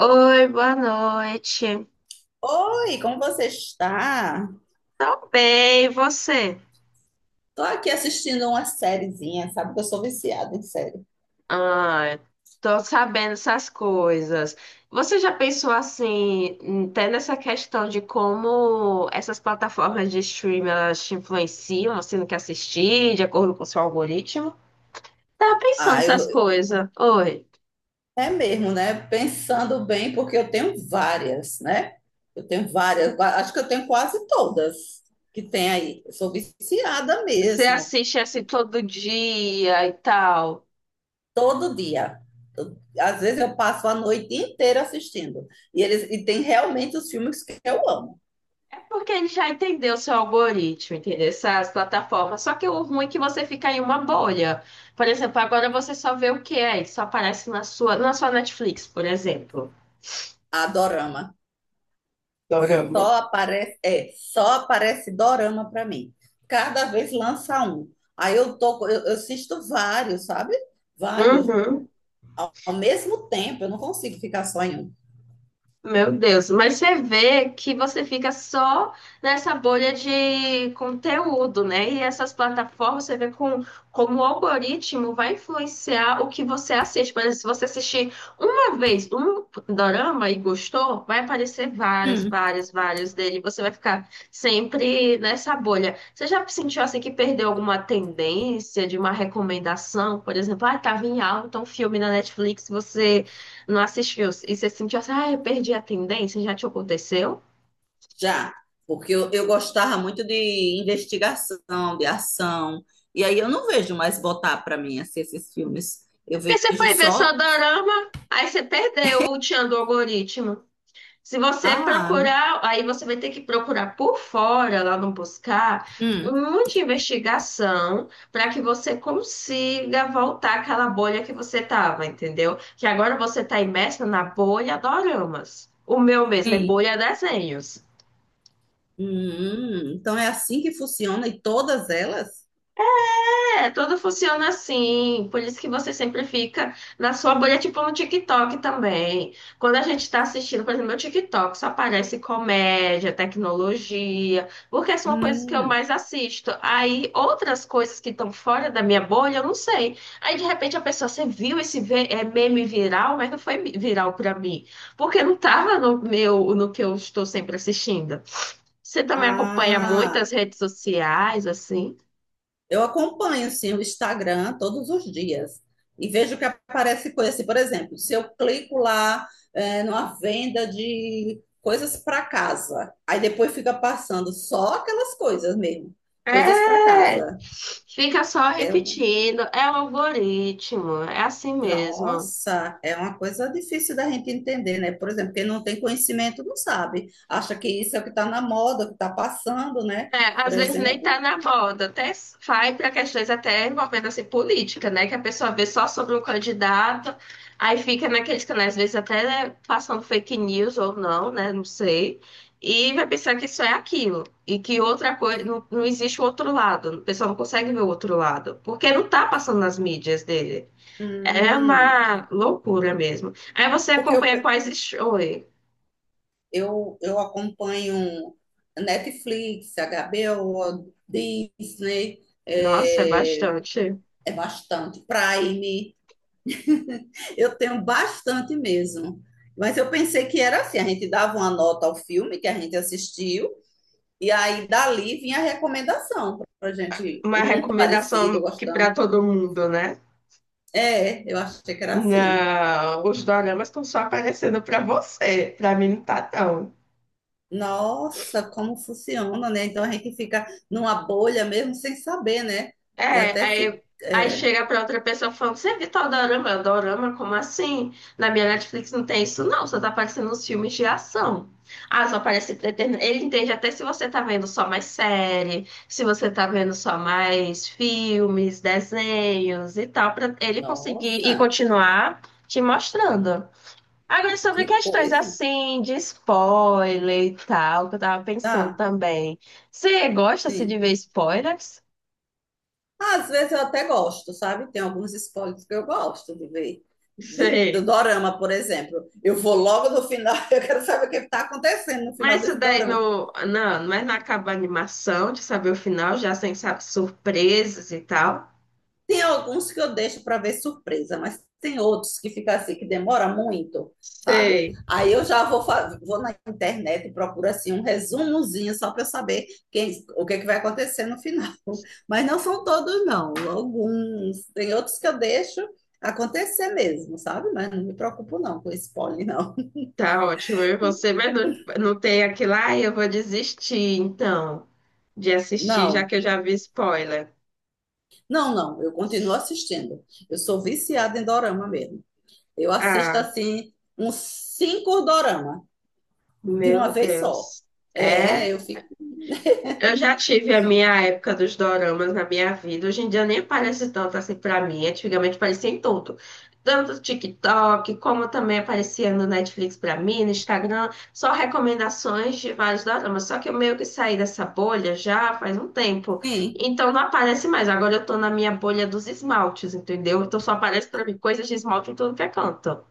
Oi, boa noite. Oi, como você está? Tô bem, e você? Tô aqui assistindo uma sériezinha, sabe que eu sou viciada em série. Ah, tô sabendo essas coisas. Você já pensou assim, até nessa questão de como essas plataformas de streaming elas te influenciam, assim, no que assistir, de acordo com o seu algoritmo? Tava pensando Ah, essas eu, coisas. Oi, é mesmo, né? Pensando bem, porque eu tenho várias, né? Eu tenho várias, acho que eu tenho quase todas que tem aí. Eu sou viciada você mesmo. assiste assim todo dia e tal. Todo dia. Às vezes eu passo a noite inteira assistindo. E eles e tem realmente os filmes que eu amo. É porque ele já entendeu o seu algoritmo, entendeu? Essas plataformas. Só que o ruim é que você fica em uma bolha. Por exemplo, agora você só vê o que é, ele só aparece na sua Netflix, por exemplo. A dorama. Dorama. Só aparece, é, só aparece dorama para mim. Cada vez lança um. Aí eu assisto vários, sabe? Vários. Uhum. Ao mesmo tempo, eu não consigo ficar só em um. Meu Deus, mas você vê que você fica só nessa bolha de conteúdo, né? E essas plataformas, você vê com, como o algoritmo vai influenciar o que você assiste. Por exemplo, se você assistir uma vez um dorama e gostou, vai aparecer vários Hum. vários vários dele. Você vai ficar sempre nessa bolha. Você já sentiu assim que perdeu alguma tendência de uma recomendação? Por exemplo, ah, estava em alta um filme na Netflix, você não assistiu e você sentiu assim, ah, eu perdi a tendência, já te aconteceu? Já, porque eu gostava muito de investigação, de ação, e aí eu não vejo mais botar para mim assim, esses filmes. É, Eu porque você vejo foi ver só só. dorama, aí você perdeu o tchan do algoritmo. Se você Ah, procurar, aí você vai ter que procurar por fora, lá no buscar, hum, um monte de investigação para que você consiga voltar àquela bolha que você tava, entendeu? Que agora você tá imersa na bolha doramas. O meu mesmo é sim. bolha desenhos. Então é assim que funciona e todas elas? É, tudo funciona assim. Por isso que você sempre fica na sua bolha, tipo no TikTok também. Quando a gente está assistindo, por exemplo, meu TikTok só aparece comédia, tecnologia, porque são coisas que eu Hum, mais assisto. Aí outras coisas que estão fora da minha bolha, eu não sei. Aí de repente a pessoa, você viu é, meme viral, mas não foi viral para mim, porque não estava no que eu estou sempre assistindo. Você também acompanha ah, muitas redes sociais, assim? eu acompanho sim o Instagram todos os dias e vejo que aparece coisa assim, por exemplo, se eu clico lá é, numa venda de coisas para casa, aí depois fica passando só aquelas coisas mesmo, coisas para É, casa. fica só É um. repetindo, é o algoritmo, é assim mesmo. Nossa, é uma coisa difícil da gente entender, né? Por exemplo, quem não tem conhecimento não sabe. Acha que isso é o que está na moda, o que está passando, né? É, Por às vezes nem tá exemplo. na moda, até vai para questões até envolvendo assim, política, né? Que a pessoa vê só sobre um candidato, aí fica naqueles canais, às vezes até né, passando fake news ou não, né? Não sei. E vai pensar que isso é aquilo, e que outra coisa, não, não existe o outro lado, o pessoal não consegue ver o outro lado, porque não tá passando nas mídias dele. É Hum, uma loucura mesmo. Aí você porque eu, acompanha quais shows. eu, eu acompanho Netflix, HBO, Disney, Nossa, é é, bastante. é bastante, Prime. Eu tenho bastante mesmo. Mas eu pensei que era assim, a gente dava uma nota ao filme que a gente assistiu, e aí dali vinha a recomendação pra gente. Uma Um parecido, recomendação que para gostando. todo mundo, né? É, eu achei que era assim. Não, os doramas estão só aparecendo para você. Para mim não tá, não. Nossa, como funciona, né? Então a gente fica numa bolha mesmo sem saber, né? E É, até fica. aí, aí É. chega pra outra pessoa falando, você viu tal dorama? Eu, dorama? Como assim? Na minha Netflix não tem isso, não. Só tá aparecendo os filmes de ação. Ah, só aparece ele entende até se você tá vendo só mais série, se você tá vendo só mais filmes, desenhos e tal, pra ele conseguir e Nossa, continuar te mostrando. Agora, sobre que questões coisa. assim, de spoiler e tal, que eu tava pensando Tá, também. Você gosta assim, de sim. ver spoilers? Às vezes eu até gosto, sabe? Tem alguns spoilers que eu gosto de ver. Do Sei. dorama, por exemplo. Eu vou logo no final, eu quero saber o que está acontecendo no final Mas isso desse daí dorama. não, mas não acaba a animação de saber o final, já sem saber surpresas e tal. Tem alguns que eu deixo para ver surpresa, mas tem outros que fica assim, que demora muito, sabe? Sei, Aí eu já vou, vou na internet e procuro assim um resumozinho só para eu saber quem, o que, é que vai acontecer no final. Mas não são todos, não. Alguns. Tem outros que eu deixo acontecer mesmo, sabe? Mas não me preocupo não com spoiler, não. tá ótimo. E você, mas não, não tem aquilo, ai, eu vou desistir, então, de assistir, já Não, que eu já vi spoiler. não, não. Eu continuo assistindo. Eu sou viciada em dorama mesmo. Eu assisto Ah, assim uns 5 dorama de uma meu vez só. Deus. É, É, eu fico, eu já tive a minha época dos doramas na minha vida. Hoje em dia nem aparece tanto assim pra mim. Antigamente aparecia em tudo. Tanto no TikTok, como também aparecia no Netflix pra mim, no Instagram. Só recomendações de vários doramas. Só que eu meio que saí dessa bolha já faz um tempo. sim. Então não aparece mais. Agora eu tô na minha bolha dos esmaltes, entendeu? Então só aparece pra mim coisas de esmalte em tudo que é canto.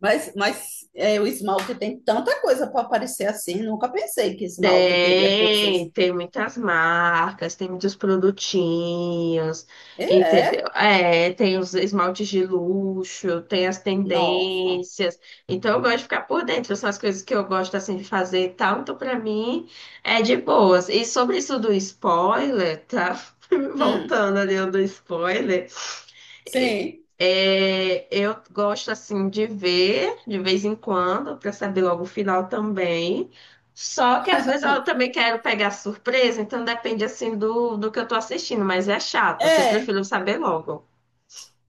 Mas, mas o esmalte tem tanta coisa para aparecer assim. Nunca pensei que esmalte teria coisas. Tem, tem muitas marcas, tem muitos produtinhos, É, entendeu? é, É, tem os esmaltes de luxo, tem as nossa. tendências. Então eu gosto de ficar por dentro, são as coisas que eu gosto assim de fazer e tal. Então pra mim é de boas. E sobre isso do spoiler, tá? Hum, Voltando ali ao do spoiler. sim. É, eu gosto assim de ver de vez em quando para saber logo o final também. Só que às vezes eu também quero pegar surpresa, então depende assim do que eu tô assistindo, mas é chato, assim, eu É, prefiro saber logo.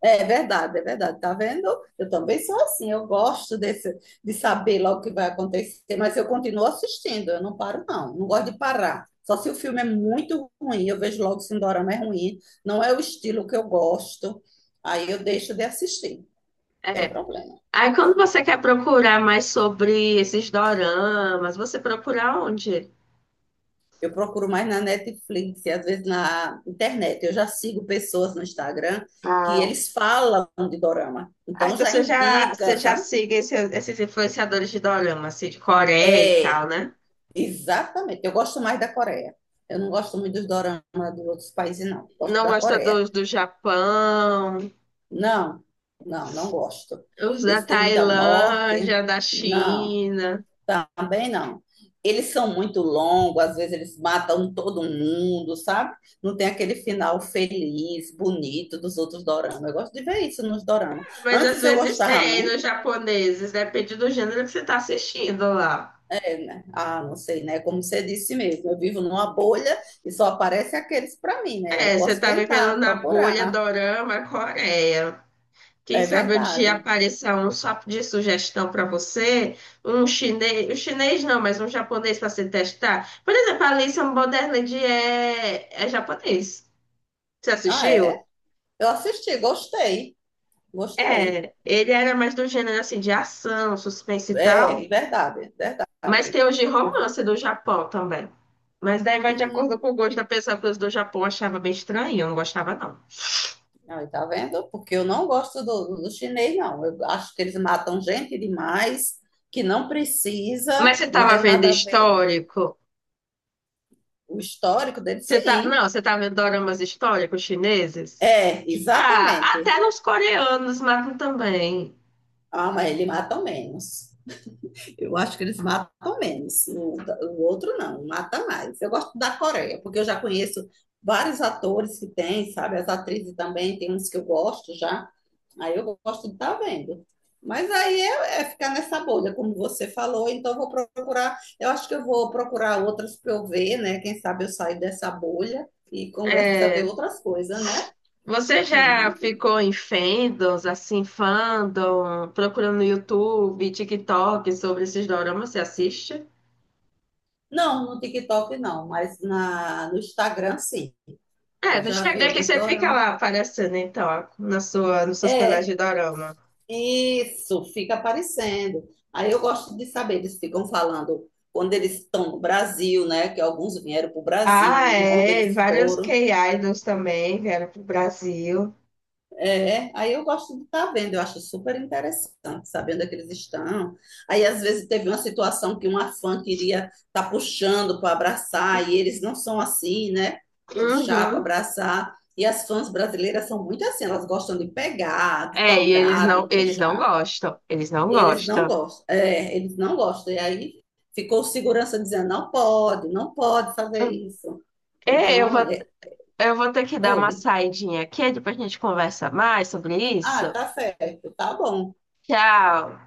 é verdade, é verdade. Tá vendo? Eu também sou assim. Eu gosto desse, de saber logo o que vai acontecer, mas eu continuo assistindo. Eu não paro, não. Não gosto de parar. Só se o filme é muito ruim, eu vejo logo se o dorama é ruim. Não é o estilo que eu gosto. Aí eu deixo de assistir. Tem É. problema. Aí quando você quer procurar mais sobre esses doramas, você procura onde? Eu procuro mais na Netflix e às vezes na internet. Eu já sigo pessoas no Instagram que Ah, eles falam de dorama. ah, Então então já você já, indica, sabe? siga esses influenciadores de dorama, assim, de Coreia e É, tal, né? exatamente. Eu gosto mais da Coreia. Eu não gosto muito dos doramas dos outros países, não. Gosto Não da gosta Coreia. dos do Japão. Não, não, não gosto. Os da Isso tem muita morte. Tailândia, da Não. China. Também não. Eles são muito longos, às vezes eles matam todo mundo, sabe? Não tem aquele final feliz, bonito dos outros doramas. Eu gosto de ver isso nos doramas. Mas às Antes eu vezes gostava tem nos muito, japoneses, depende do gênero que você está assistindo lá. é, né? Ah, não sei, né? Como você disse mesmo, eu vivo numa bolha e só aparecem aqueles para mim, né? Eu É, você posso tá tentar vivendo na bolha procurar. dorama Coreia. Quem É sabe um dia verdade. apareça um só de sugestão para você, um chinês não, mas um japonês para você testar. Por exemplo, Alice in Borderland é, é japonês. Você Ah, assistiu? é? Eu assisti, gostei. Gostei. É, ele era mais do gênero assim de ação, suspense e tal. É, verdade, Mas verdade. tem os de romance do Japão também. Mas daí vai de Hum, acordo com o gosto da pessoa, porque os do Japão eu achava bem estranho, eu não gostava, não. Aí, tá vendo? Porque eu não gosto do chinês, não. Eu acho que eles matam gente demais, que não Mas precisa, você não tem tava vendo nada a ver. histórico? O histórico dele, Você tá... sim. Não, você tava vendo doramas históricos chineses? É, Ah, exatamente. até nos coreanos matam também. Ah, mas eles matam menos. Eu acho que eles matam menos. O outro não, mata mais. Eu gosto da Coreia, porque eu já conheço vários atores que tem, sabe? As atrizes também, tem uns que eu gosto já. Aí eu gosto de estar vendo. Mas aí é ficar nessa bolha, como você falou. Então eu vou procurar. Eu acho que eu vou procurar outras para eu ver, né? Quem sabe eu saio dessa bolha e começo a ver É, outras coisas, né? você já ficou em fandoms, assim, fandom, procurando no YouTube, TikTok sobre esses doramas? Você assiste? Não, no TikTok não, mas no Instagram sim. É, Eu no já vi Instagram que alguns você fica doramas. lá aparecendo, então, ó, na sua, nos seus canais de É, dorama. isso, fica aparecendo. Aí eu gosto de saber, eles ficam falando quando eles estão no Brasil, né? Que alguns vieram para o Ah, Brasil, onde é. E eles vários foram. K-idols também vieram pro Brasil. É, aí eu gosto de estar vendo, eu acho super interessante, sabendo onde é que eles estão. Aí às vezes teve uma situação que uma fã queria estar puxando para abraçar, e eles não são assim, né? Puxar para Uhum. abraçar. E as fãs brasileiras são muito assim, elas gostam de pegar, de É, e tocar, de eles não puxar. gostam. Eles não Eles não gostam. gostam. É, eles não gostam. E aí ficou o segurança dizendo, não pode, não pode fazer isso. É, Então, é, eu vou ter que dar uma oi. saidinha aqui, depois a gente conversa mais sobre Ah, isso. tá certo, tá bom. Tchau.